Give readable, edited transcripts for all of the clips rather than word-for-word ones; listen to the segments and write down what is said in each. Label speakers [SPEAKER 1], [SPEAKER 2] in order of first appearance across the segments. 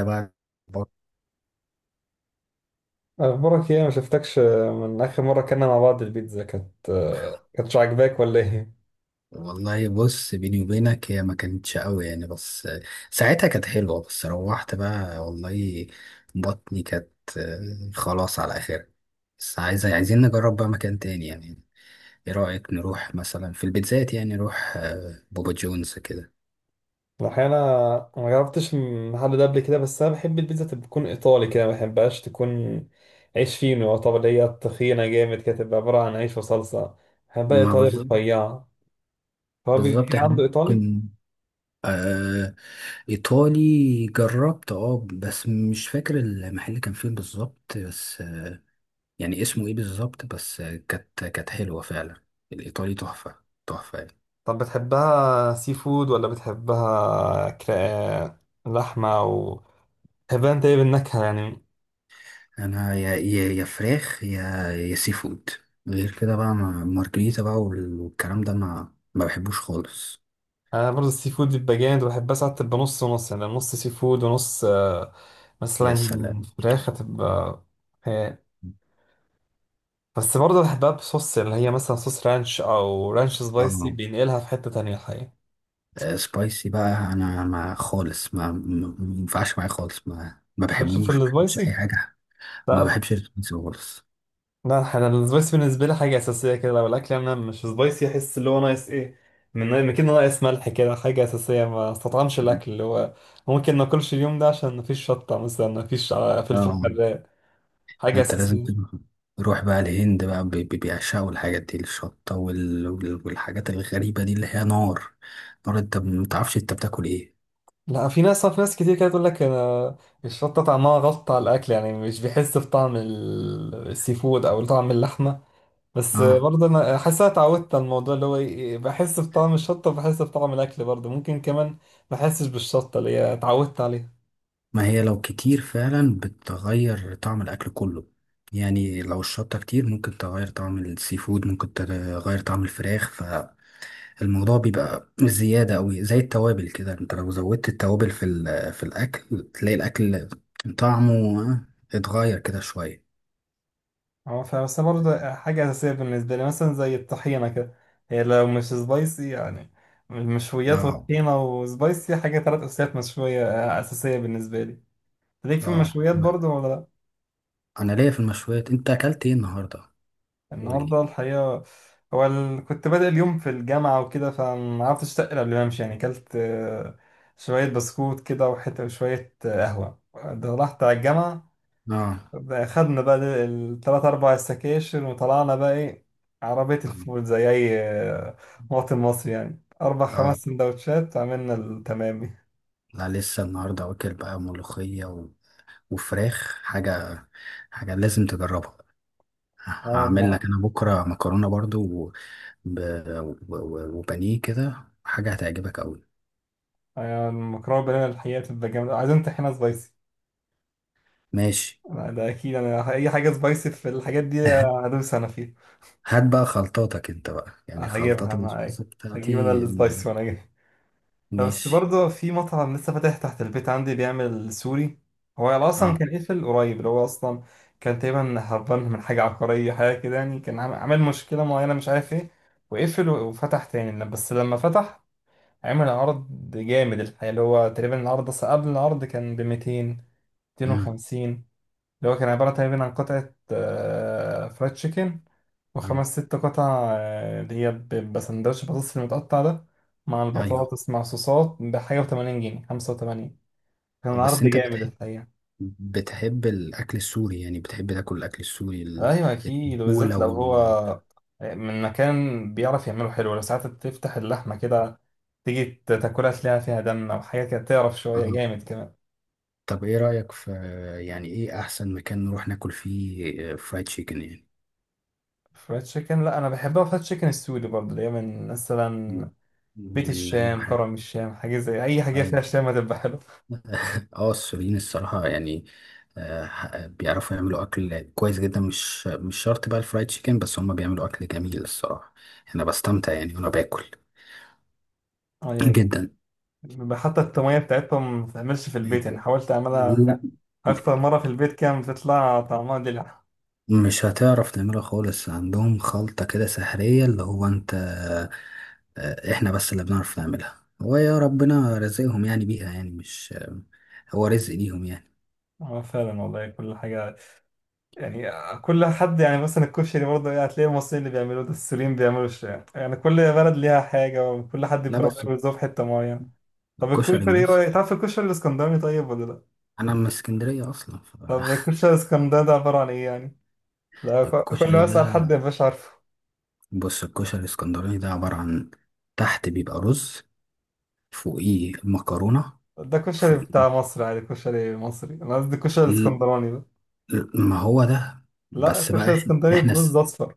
[SPEAKER 1] بقى بط-
[SPEAKER 2] اخبارك ايه؟ ما شفتكش من اخر مره كنا مع بعض. البيتزا كانت كانتش عاجباك ولا ايه؟
[SPEAKER 1] والله بص، بيني وبينك هي ما كانتش قوي يعني، بس ساعتها كانت حلوة. بس روحت بقى والله بطني كانت خلاص على آخرها. بس عايزين نجرب بقى مكان تاني يعني. ايه رأيك نروح مثلا في البيتزات، يعني نروح بابا جونز كده؟
[SPEAKER 2] الحقيقه انا ما جربتش من محل ده قبل كده، بس انا بحب البيتزا تكون ايطالي كده، ما بحبهاش تكون عيش فينو، طب اللي هي تخينه جامد كده تبقى عباره عن عيش وصلصه. بحبها
[SPEAKER 1] ما
[SPEAKER 2] ايطالي
[SPEAKER 1] بالظبط
[SPEAKER 2] رفيعه. هو في
[SPEAKER 1] بالظبط احنا
[SPEAKER 2] عنده ايطالي؟
[SPEAKER 1] ممكن، آه إيطالي جربت، بس مش فاكر المحل كان فين بالظبط. بس يعني اسمه ايه بالظبط؟ بس كانت حلوة فعلا. الإيطالي تحفة، تحفة يعني.
[SPEAKER 2] طب بتحبها سي فود ولا بتحبها لحمه، او بتحبها انت ايه بالنكهه يعني؟
[SPEAKER 1] أنا يا فراخ يا سي فود. غير كده بقى، مارجريتا بقى والكلام ده ما بحبوش خالص.
[SPEAKER 2] انا برضه السي فود بيبقى جامد، وبحب اساعد تبقى نص ونص، يعني نص سي فود ونص
[SPEAKER 1] يا
[SPEAKER 2] مثلا
[SPEAKER 1] سلام.
[SPEAKER 2] فراخ، هتبقى خيال. بس برضه بحبها بصوص، اللي هي مثلا صوص رانش او رانش سبايسي،
[SPEAKER 1] اه
[SPEAKER 2] بينقلها في حتة تانية الحقيقة.
[SPEAKER 1] سبايسي بقى أنا، ما خالص، ما ينفعش معايا خالص، ما
[SPEAKER 2] عارف في
[SPEAKER 1] بحبوش، ما بحبش
[SPEAKER 2] السبايسي؟
[SPEAKER 1] أي حاجة.
[SPEAKER 2] لا
[SPEAKER 1] ما
[SPEAKER 2] لا
[SPEAKER 1] بحبش السبايسي خالص.
[SPEAKER 2] لا، انا السبايسي بالنسبة لي حاجة أساسية كده. لو الأكل أنا مش سبايسي أحس اللي هو ناقص إيه، من كده، ناقص ملح كده، حاجة أساسية. ما استطعمش الأكل اللي هو ممكن ما أكلش اليوم ده عشان مفيش شطة مثلا، مفيش فلفل
[SPEAKER 1] اه،
[SPEAKER 2] حراق.
[SPEAKER 1] ده
[SPEAKER 2] حاجة
[SPEAKER 1] انت لازم
[SPEAKER 2] أساسية.
[SPEAKER 1] تروح. روح بقى الهند بقى، بيعشقوا الحاجات دي، الشطة والحاجات الغريبة دي اللي هي نار. نار، انت متعرفش انت بتاكل ايه.
[SPEAKER 2] لا، في ناس، كتير كده تقول لك انا الشطه طعمها غلط على الاكل، يعني مش بيحس بطعم السي فود او طعم اللحمه. بس
[SPEAKER 1] اه،
[SPEAKER 2] برضه انا حاسس أنا اتعودت على الموضوع، اللي هو بحس بطعم الشطه وبحس بطعم الاكل برضه. ممكن كمان ما احسش بالشطه، اللي هي اتعودت عليها.
[SPEAKER 1] ما هي لو كتير فعلا بتغير طعم الاكل كله. يعني لو الشطة كتير ممكن تغير طعم السي فود، ممكن تغير طعم الفراخ. فالموضوع بيبقى زيادة أوي، زي التوابل كده. انت لو زودت التوابل في الأكل تلاقي الأكل طعمه آه، اتغير كده شوية.
[SPEAKER 2] هو بس برضه حاجه اساسيه بالنسبه لي، مثلا زي الطحينه كده، هي لو مش سبايسي يعني. المشويات
[SPEAKER 1] اه،
[SPEAKER 2] والطحينه وسبايسي، حاجه ثلاث اساسيات. مشويه اساسيه بالنسبه لي. ليك في
[SPEAKER 1] اه،
[SPEAKER 2] المشويات برضه ولا لا؟
[SPEAKER 1] انا ليا في المشويات. انت اكلت ايه النهارده؟ قول لي.
[SPEAKER 2] النهارده الحقيقة، هو كنت بادئ اليوم في الجامعة وكده، فما عرفتش أتقل قبل ما أمشي، يعني أكلت شوية بسكوت كده وحتة، وشوية قهوة. ده رحت على الجامعة،
[SPEAKER 1] اه،
[SPEAKER 2] خدنا بقى التلات أربع سكاشن، وطلعنا بقى إيه عربية
[SPEAKER 1] اه،
[SPEAKER 2] الفول زي أي مواطن مصري يعني، أربع خمس
[SPEAKER 1] اه.
[SPEAKER 2] سندوتشات، عملنا التمامي.
[SPEAKER 1] لا، لسه النهارده واكل بقى ملوخيه و... وفراخ. حاجه لازم تجربها.
[SPEAKER 2] اه
[SPEAKER 1] هعمل
[SPEAKER 2] لا.
[SPEAKER 1] لك انا بكره مكرونه برضو و... ب... و... و... وبانيه كده، حاجه هتعجبك قوي.
[SPEAKER 2] المكرونة بالبانيه الحقيقة بتبقى جامدة، عايزين طحينة سبايسي.
[SPEAKER 1] ماشي.
[SPEAKER 2] لا، ده أكيد، أنا أي حاجة سبايسي في الحاجات دي هدوس أنا فيها.
[SPEAKER 1] هات بقى خلطاتك انت بقى، يعني
[SPEAKER 2] هجيبها
[SPEAKER 1] خلطات
[SPEAKER 2] انا، أيوة.
[SPEAKER 1] البسبوسه
[SPEAKER 2] هجيب انا
[SPEAKER 1] بتاعتي.
[SPEAKER 2] السلايس وانا جاي. لا، بس
[SPEAKER 1] ماشي.
[SPEAKER 2] برضه في مطعم لسه فاتح تحت البيت عندي بيعمل سوري. هو
[SPEAKER 1] اه،
[SPEAKER 2] اصلا كان قفل قريب، اللي هو اصلا كان تقريبا هربان من حاجه عقاريه، حاجه كده يعني، كان عامل مشكله معينه مش عارف ايه، وقفل وفتح تاني. بس لما فتح عمل عرض جامد الحقيقه، اللي هو تقريبا العرض، اصلا قبل العرض كان ب 200،
[SPEAKER 1] امم
[SPEAKER 2] 250. اللي هو كان عباره تقريبا عن قطعه فرايد تشيكن،
[SPEAKER 1] آه.
[SPEAKER 2] وخمس ست قطع اللي هي بيبقى سندوتش بطاطس، المتقطع ده، مع
[SPEAKER 1] ايوه.
[SPEAKER 2] البطاطس مع صوصات، بحاجة 80 جنيه، 85. كان عرض
[SPEAKER 1] بس انت
[SPEAKER 2] جامد
[SPEAKER 1] بتحب،
[SPEAKER 2] الحقيقة.
[SPEAKER 1] الأكل السوري، يعني بتحب تاكل الأكل السوري
[SPEAKER 2] أيوة أكيد،
[SPEAKER 1] التقولة
[SPEAKER 2] وبالذات لو هو
[SPEAKER 1] وال
[SPEAKER 2] من مكان بيعرف يعمله حلو. لو ساعات تفتح اللحمة كده تيجي تاكلها تلاقيها فيها دم أو حاجة كده، تعرف شوية،
[SPEAKER 1] آه.
[SPEAKER 2] جامد كمان.
[SPEAKER 1] طب إيه رأيك في، يعني إيه أحسن مكان نروح ناكل فيه فرايد تشيكن يعني؟
[SPEAKER 2] فرايد تشيكن، لا، أنا بحبها فرايد تشيكن السوري برضه، اللي هي من
[SPEAKER 1] م-
[SPEAKER 2] مثلا بيت
[SPEAKER 1] من من
[SPEAKER 2] الشام،
[SPEAKER 1] ح-
[SPEAKER 2] كرم الشام، حاجة زي أي حاجة فيها
[SPEAKER 1] أيوة.
[SPEAKER 2] شام هتبقى حلوة.
[SPEAKER 1] آه السوريين الصراحة يعني، بيعرفوا يعملوا أكل كويس جدا، مش شرط بقى الفرايد تشيكن بس، هما بيعملوا أكل جميل الصراحة. أنا بستمتع يعني وأنا باكل
[SPEAKER 2] أيوة.
[SPEAKER 1] جدا.
[SPEAKER 2] حتى التومية بتاعتهم ما بتتعملش في البيت، يعني حاولت أعملها
[SPEAKER 1] لا،
[SPEAKER 2] أكتر مرة في البيت كان بتطلع طعمها دلع.
[SPEAKER 1] مش هتعرف تعملها خالص. عندهم خلطة كده سحرية اللي هو انت، احنا بس اللي بنعرف نعملها، هو يا ربنا رزقهم يعني بيها يعني، مش هو رزق ليهم يعني.
[SPEAKER 2] فعلا والله، كل حاجة يعني، كل حد يعني، مثلا الكشري برضه يعني هتلاقي المصريين اللي بيعملوه ده، السوريين بيعملوا الشام، يعني كل بلد ليها حاجة، وكل حد
[SPEAKER 1] لا
[SPEAKER 2] بيربيه
[SPEAKER 1] بس
[SPEAKER 2] ويزوف حتة معينة. طب
[SPEAKER 1] الكشري
[SPEAKER 2] الكشري إيه
[SPEAKER 1] موسى،
[SPEAKER 2] رأيك؟ تعرف الكشري الإسكندراني طيب ولا لأ؟
[SPEAKER 1] انا من اسكندرية اصلا.
[SPEAKER 2] طب الكشري الإسكندراني ده عبارة عن إيه يعني؟ لا، كل
[SPEAKER 1] فالكشري
[SPEAKER 2] ما أسأل
[SPEAKER 1] ده،
[SPEAKER 2] حد مبقاش عارفه.
[SPEAKER 1] بص، الكشري الاسكندراني ده عبارة عن، تحت بيبقى رز، فوقيه مكرونة،
[SPEAKER 2] ده كشري
[SPEAKER 1] فوقيه،
[SPEAKER 2] بتاع مصر عادي، كشري مصري، أنا قصدي الكشري
[SPEAKER 1] ل-
[SPEAKER 2] الإسكندراني ده،
[SPEAKER 1] ما هو ده.
[SPEAKER 2] لا،
[SPEAKER 1] بس بقى
[SPEAKER 2] كشري
[SPEAKER 1] احنا
[SPEAKER 2] اسكندريه
[SPEAKER 1] إحنا
[SPEAKER 2] برز اصفر.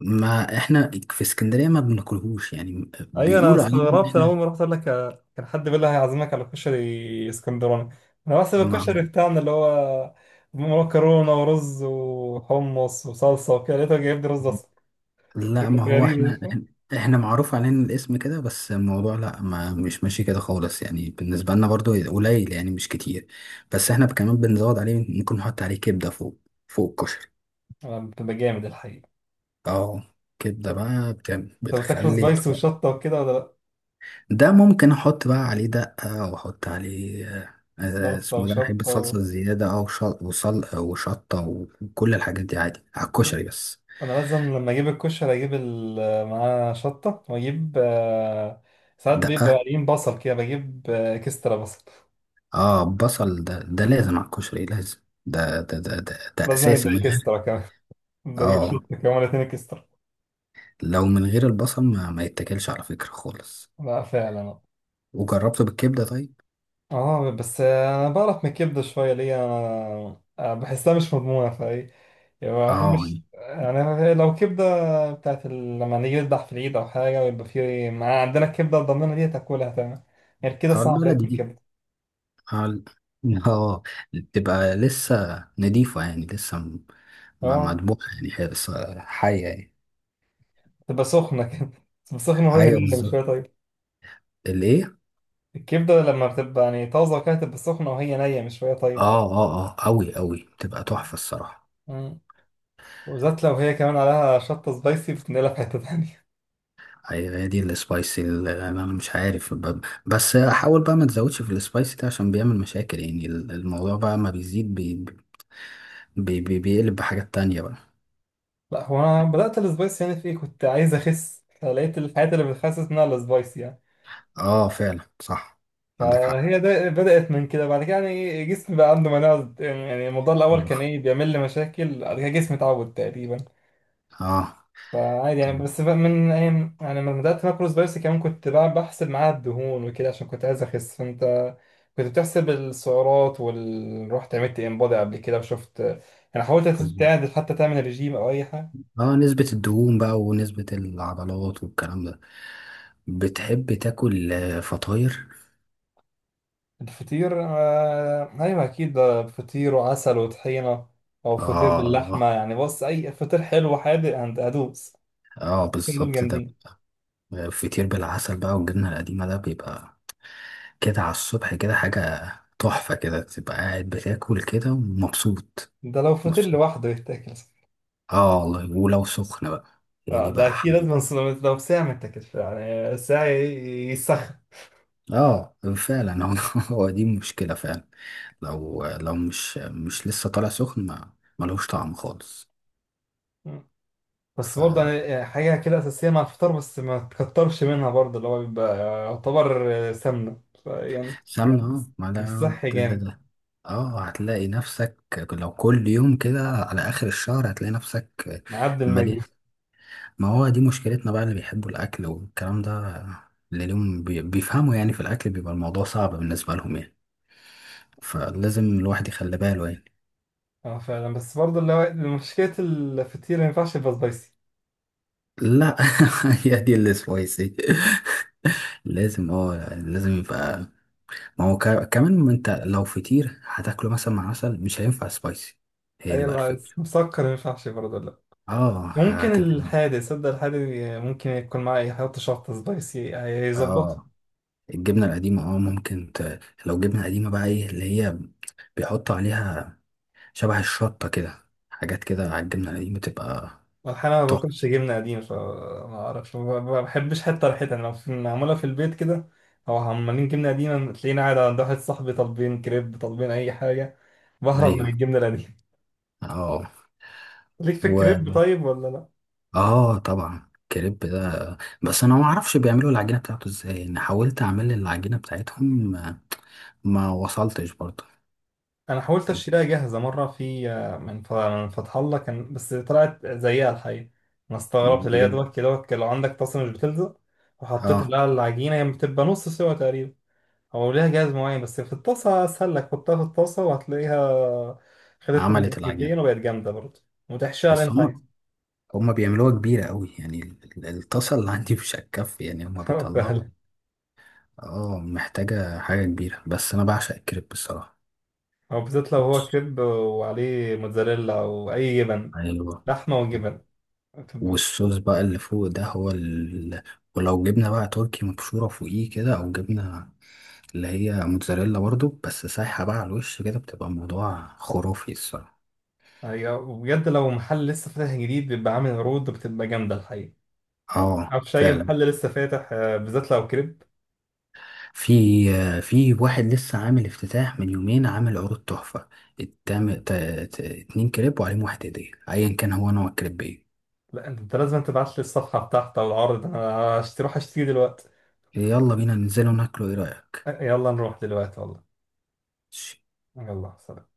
[SPEAKER 1] ما احنا في اسكندرية ما بناكلهوش يعني،
[SPEAKER 2] ايوه انا
[SPEAKER 1] بيقولوا علينا ان
[SPEAKER 2] استغربت، انا اول
[SPEAKER 1] احنا.
[SPEAKER 2] ما رحت اقول لك كان حد بيقول لي هيعزمك على كشري اسكندراني، انا بحسب
[SPEAKER 1] ما
[SPEAKER 2] الكشري بتاعنا اللي هو مكرونه ورز وحمص وصلصه وكده، لقيته جايب لي رز اصفر.
[SPEAKER 1] لا ما
[SPEAKER 2] كانت
[SPEAKER 1] هو احنا،
[SPEAKER 2] غريبه.
[SPEAKER 1] احنا معروف علينا الاسم كده، بس الموضوع لا ما مش ماشي كده خالص يعني، بالنسبة لنا برضو قليل يعني مش كتير. بس احنا كمان بنزود عليه، ممكن نحط عليه كبدة فوق، فوق الكشري.
[SPEAKER 2] بتبقى جامد الحقيقه.
[SPEAKER 1] اه، كبدة بقى
[SPEAKER 2] انت بتاكله
[SPEAKER 1] بتخلي
[SPEAKER 2] سبايس
[SPEAKER 1] طبق.
[SPEAKER 2] وشطه وكده ولا لا؟
[SPEAKER 1] ده ممكن احط بقى عليه دقة، واحط عليه
[SPEAKER 2] صلصه
[SPEAKER 1] اسمه ده. أنا بحب
[SPEAKER 2] وشطه
[SPEAKER 1] الصلصة الزيادة، او شط وصل وشطة وكل الحاجات دي عادي على الكشري. بس
[SPEAKER 2] انا لازم لما اجيب الكشري اجيب معاه شطه، واجيب ساعات بيبقى
[SPEAKER 1] دقة.
[SPEAKER 2] قليل بصل كده، بجيب اكسترا بصل.
[SPEAKER 1] اه، بصل ده لازم على الكشري، لازم. ده
[SPEAKER 2] لازم
[SPEAKER 1] اساسي، من
[SPEAKER 2] يبقى
[SPEAKER 1] غير.
[SPEAKER 2] اكسترا كمان. بدي اجيب
[SPEAKER 1] اه،
[SPEAKER 2] شط كمان اتنين اكسترا.
[SPEAKER 1] لو من غير البصل، ما يتاكلش على فكرة خالص.
[SPEAKER 2] لا فعلا.
[SPEAKER 1] وجربته بالكبدة طيب.
[SPEAKER 2] اه، بس انا بعرف من الكبده شويه. ليه؟ انا أنا بحسها مش مضمونه فاي يعني، ما
[SPEAKER 1] اه.
[SPEAKER 2] بحبش، يعني لو كبده بتاعت لما نيجي نذبح في العيد او حاجه، ويبقى في مع عندنا الكبده الضمينه دي، تاكلها تمام. يعني كده
[SPEAKER 1] اه
[SPEAKER 2] صعب
[SPEAKER 1] البلدي
[SPEAKER 2] اكل
[SPEAKER 1] دي،
[SPEAKER 2] كبده.
[SPEAKER 1] اه، آه، بتبقى لسه نضيفة يعني، لسه
[SPEAKER 2] اه،
[SPEAKER 1] مدبوحة يعني، هي لسه حية يعني.
[SPEAKER 2] تبقى سخنه كده، تبقى سخنه وهي
[SPEAKER 1] ايوه
[SPEAKER 2] نيه، مش شويه
[SPEAKER 1] بالظبط.
[SPEAKER 2] طيبه.
[SPEAKER 1] الايه؟
[SPEAKER 2] الكبده لما بتبقى يعني طازه كده، تبقى سخنه وهي نيه، مش شويه
[SPEAKER 1] اه اه اه، قوي قوي، بتبقى
[SPEAKER 2] طيبه.
[SPEAKER 1] تحفه الصراحه.
[SPEAKER 2] وبالذات لو هي كمان عليها شطة سبايسي، بتنقلها في حتة تانية.
[SPEAKER 1] ايوه، هي دي السبايسي اللي انا مش عارف، بس احاول بقى ما تزودش في السبايسي ده، عشان بيعمل مشاكل، يعني الموضوع بقى، ما بيزيد بي بي بي بيقلب بحاجات تانية بقى.
[SPEAKER 2] لا، هو أنا بدأت السبايسي يعني في إيه، كنت عايز أخس، فلقيت الحاجات اللي بتخسس منها السبايسي يعني،
[SPEAKER 1] اه فعلا صح. عندك حق.
[SPEAKER 2] فهي ده بدأت من كده. بعد كده يعني جسمي بقى عنده مناعة يعني. الموضوع الأول كان
[SPEAKER 1] بخ-
[SPEAKER 2] إيه بيعمل لي مشاكل، بعد كده جسمي اتعود تقريبا،
[SPEAKER 1] اه
[SPEAKER 2] فعادي يعني.
[SPEAKER 1] طب-
[SPEAKER 2] بس بقى من أيام يعني، لما بدأت ماكرو سبايسي كمان، كنت بقى بحسب معاها الدهون وكده، عشان كنت عايز أخس. فأنت كنت بتحسب السعرات وال رحت عملت انبادي قبل كده، وشفت يعني، حاولت
[SPEAKER 1] بس-
[SPEAKER 2] تعدل حتى، تعمل ريجيم أو أي حاجة؟
[SPEAKER 1] اه نسبة الدهون بقى ونسبة العضلات والكلام ده. بتحب تاكل فطاير؟
[SPEAKER 2] الفطير أيوه أكيد، ده فطير وعسل وطحينة، أو فطير باللحمة.
[SPEAKER 1] اه،
[SPEAKER 2] يعني بص، أي فطير حلو حادق هدوس.
[SPEAKER 1] اه،
[SPEAKER 2] الاتنين دول
[SPEAKER 1] بالظبط ده.
[SPEAKER 2] جامدين.
[SPEAKER 1] فطير بالعسل بقى والجبنة القديمة، ده بيبقى كده على الصبح كده، حاجة تحفة. كده تبقى قاعد بتاكل كده ومبسوط.
[SPEAKER 2] ده لو فطير
[SPEAKER 1] بص.
[SPEAKER 2] لوحده يتاكل.
[SPEAKER 1] اه والله، ولو سخنة بقى، هي دي
[SPEAKER 2] ده
[SPEAKER 1] بقى
[SPEAKER 2] أكيد
[SPEAKER 1] حلوة.
[SPEAKER 2] لازم لو ساعة ما يتاكلش يعني، ساعة يسخن.
[SPEAKER 1] اه فعلا هو هو دي مشكلة فعلا. لو لو مش لسه طالع سخن، ما ملوش طعم خالص.
[SPEAKER 2] مم. بس
[SPEAKER 1] ف
[SPEAKER 2] برضه يعني، حاجة كده أساسية مع الفطار، بس ما تكترش منها برضه، اللي هو بيبقى يعتبر سمنة فيعني،
[SPEAKER 1] سمنة. اه، ما
[SPEAKER 2] مش
[SPEAKER 1] ده.
[SPEAKER 2] صحي
[SPEAKER 1] ده-
[SPEAKER 2] جامد.
[SPEAKER 1] ده- اه، هتلاقي نفسك لو كل يوم كده، على آخر الشهر هتلاقي نفسك
[SPEAKER 2] معدي المية.
[SPEAKER 1] مليء. ما هو دي مشكلتنا بقى، اللي بيحبوا الأكل والكلام ده، اللي لهم بيفهموا يعني في الأكل، بيبقى الموضوع صعب بالنسبة لهم يعني، فلازم الواحد يخلي باله يعني.
[SPEAKER 2] اه فعلا. بس برضه اللي هو مشكلة الفطير ما ينفعش يبقى سبايسي.
[SPEAKER 1] لا هي دي اللي سويسي. لازم يبقى. ما هو كمان، ما انت لو فطير هتاكله مثلا مع عسل، مش هينفع سبايسي، هي
[SPEAKER 2] أي
[SPEAKER 1] دي بقى
[SPEAKER 2] اللي عايز
[SPEAKER 1] الفكرة.
[SPEAKER 2] مسكر ما ينفعش برضه لا.
[SPEAKER 1] اه
[SPEAKER 2] ممكن
[SPEAKER 1] هتبقى.
[SPEAKER 2] الحادق، صدق الحادق، ممكن يكون معاه يحط شطة سبايسي هيظبطه.
[SPEAKER 1] اه الجبنة القديمة، اه ممكن لو جبنة قديمة بقى، ايه اللي هي بيحطوا عليها شبه الشطة كده، حاجات كده على الجبنة دي، بتبقى
[SPEAKER 2] احيانا ما
[SPEAKER 1] تحفة.
[SPEAKER 2] باكلش جبنه قديم، فما اعرفش، ما بحبش حتى ريحتها يعني. لو معموله في البيت كده، او عمالين جبنه قديمه، تلاقيني قاعد عند واحد صاحبي طالبين كريب، طالبين اي حاجه، بهرب من
[SPEAKER 1] أيوه.
[SPEAKER 2] الجبنه القديمه.
[SPEAKER 1] اه.
[SPEAKER 2] ليك في
[SPEAKER 1] و
[SPEAKER 2] الكريب طيب ولا لا؟
[SPEAKER 1] اه، طبعا الكريب ده، بس أنا ما أعرفش بيعملوا العجينة بتاعته إزاي. أنا حاولت أعمل العجينة بتاعتهم، ما وصلتش برضه.
[SPEAKER 2] انا حاولت اشتريها جاهزه مره في من من فتح الله كان، بس طلعت زيها الحقيقه. انا استغربت، اللي هي
[SPEAKER 1] بجد.
[SPEAKER 2] دوت كده دوت، لو عندك طاسه مش بتلزق، وحطيت
[SPEAKER 1] اه
[SPEAKER 2] لها العجينه، هي بتبقى نص سوا تقريبا. هو ليها جهاز معين، بس في الطاسة أسهل لك، حطها في الطاسة وهتلاقيها، خدت من
[SPEAKER 1] عملت العجينة،
[SPEAKER 2] ناحيتين وبقت جامدة برضه، وتحشيها اللي
[SPEAKER 1] بس
[SPEAKER 2] أنت عايزه.
[SPEAKER 1] هما بيعملوها كبيرة قوي يعني، الطاسة اللي عندي مش هتكفي يعني، هما بيطلعوا.
[SPEAKER 2] فعلا.
[SPEAKER 1] اه، محتاجة حاجة كبيرة. بس أنا بعشق الكريب الصراحة.
[SPEAKER 2] أو بالذات لو هو
[SPEAKER 1] بص.
[SPEAKER 2] كريب وعليه موتزاريلا أو أي جبن،
[SPEAKER 1] أيوه.
[SPEAKER 2] لحمة وجبن، بتبقى-
[SPEAKER 1] والصوص بقى اللي فوق ده هو ولو جبنا بقى تركي مبشورة فوقيه كده، أو جبنا اللي هي موتزاريلا برضو، بس سايحة بقى على الوش كده، بتبقى الموضوع خرافي الصراحة.
[SPEAKER 2] هي بجد لو محل لسه فاتح جديد بيبقى عامل عروض، بتبقى جامدة الحقيقة.
[SPEAKER 1] اه
[SPEAKER 2] معرفش أي
[SPEAKER 1] فعلا.
[SPEAKER 2] محل لسه فاتح بالذات لو كريب.
[SPEAKER 1] في في واحد لسه عامل افتتاح من يومين، عامل عروض تحفة. التام... ت... 2 كريب وعليهم 1 هدية، أيا كان هو نوع الكريب ايه.
[SPEAKER 2] لا، أنت أنت لازم تبعت لي الصفحة بتاعته أو العرض، أنا أروح أشتري دلوقتي.
[SPEAKER 1] يلا بينا ننزله وناكله، ايه رأيك؟
[SPEAKER 2] يلا نروح دلوقتي والله. يلا سلام.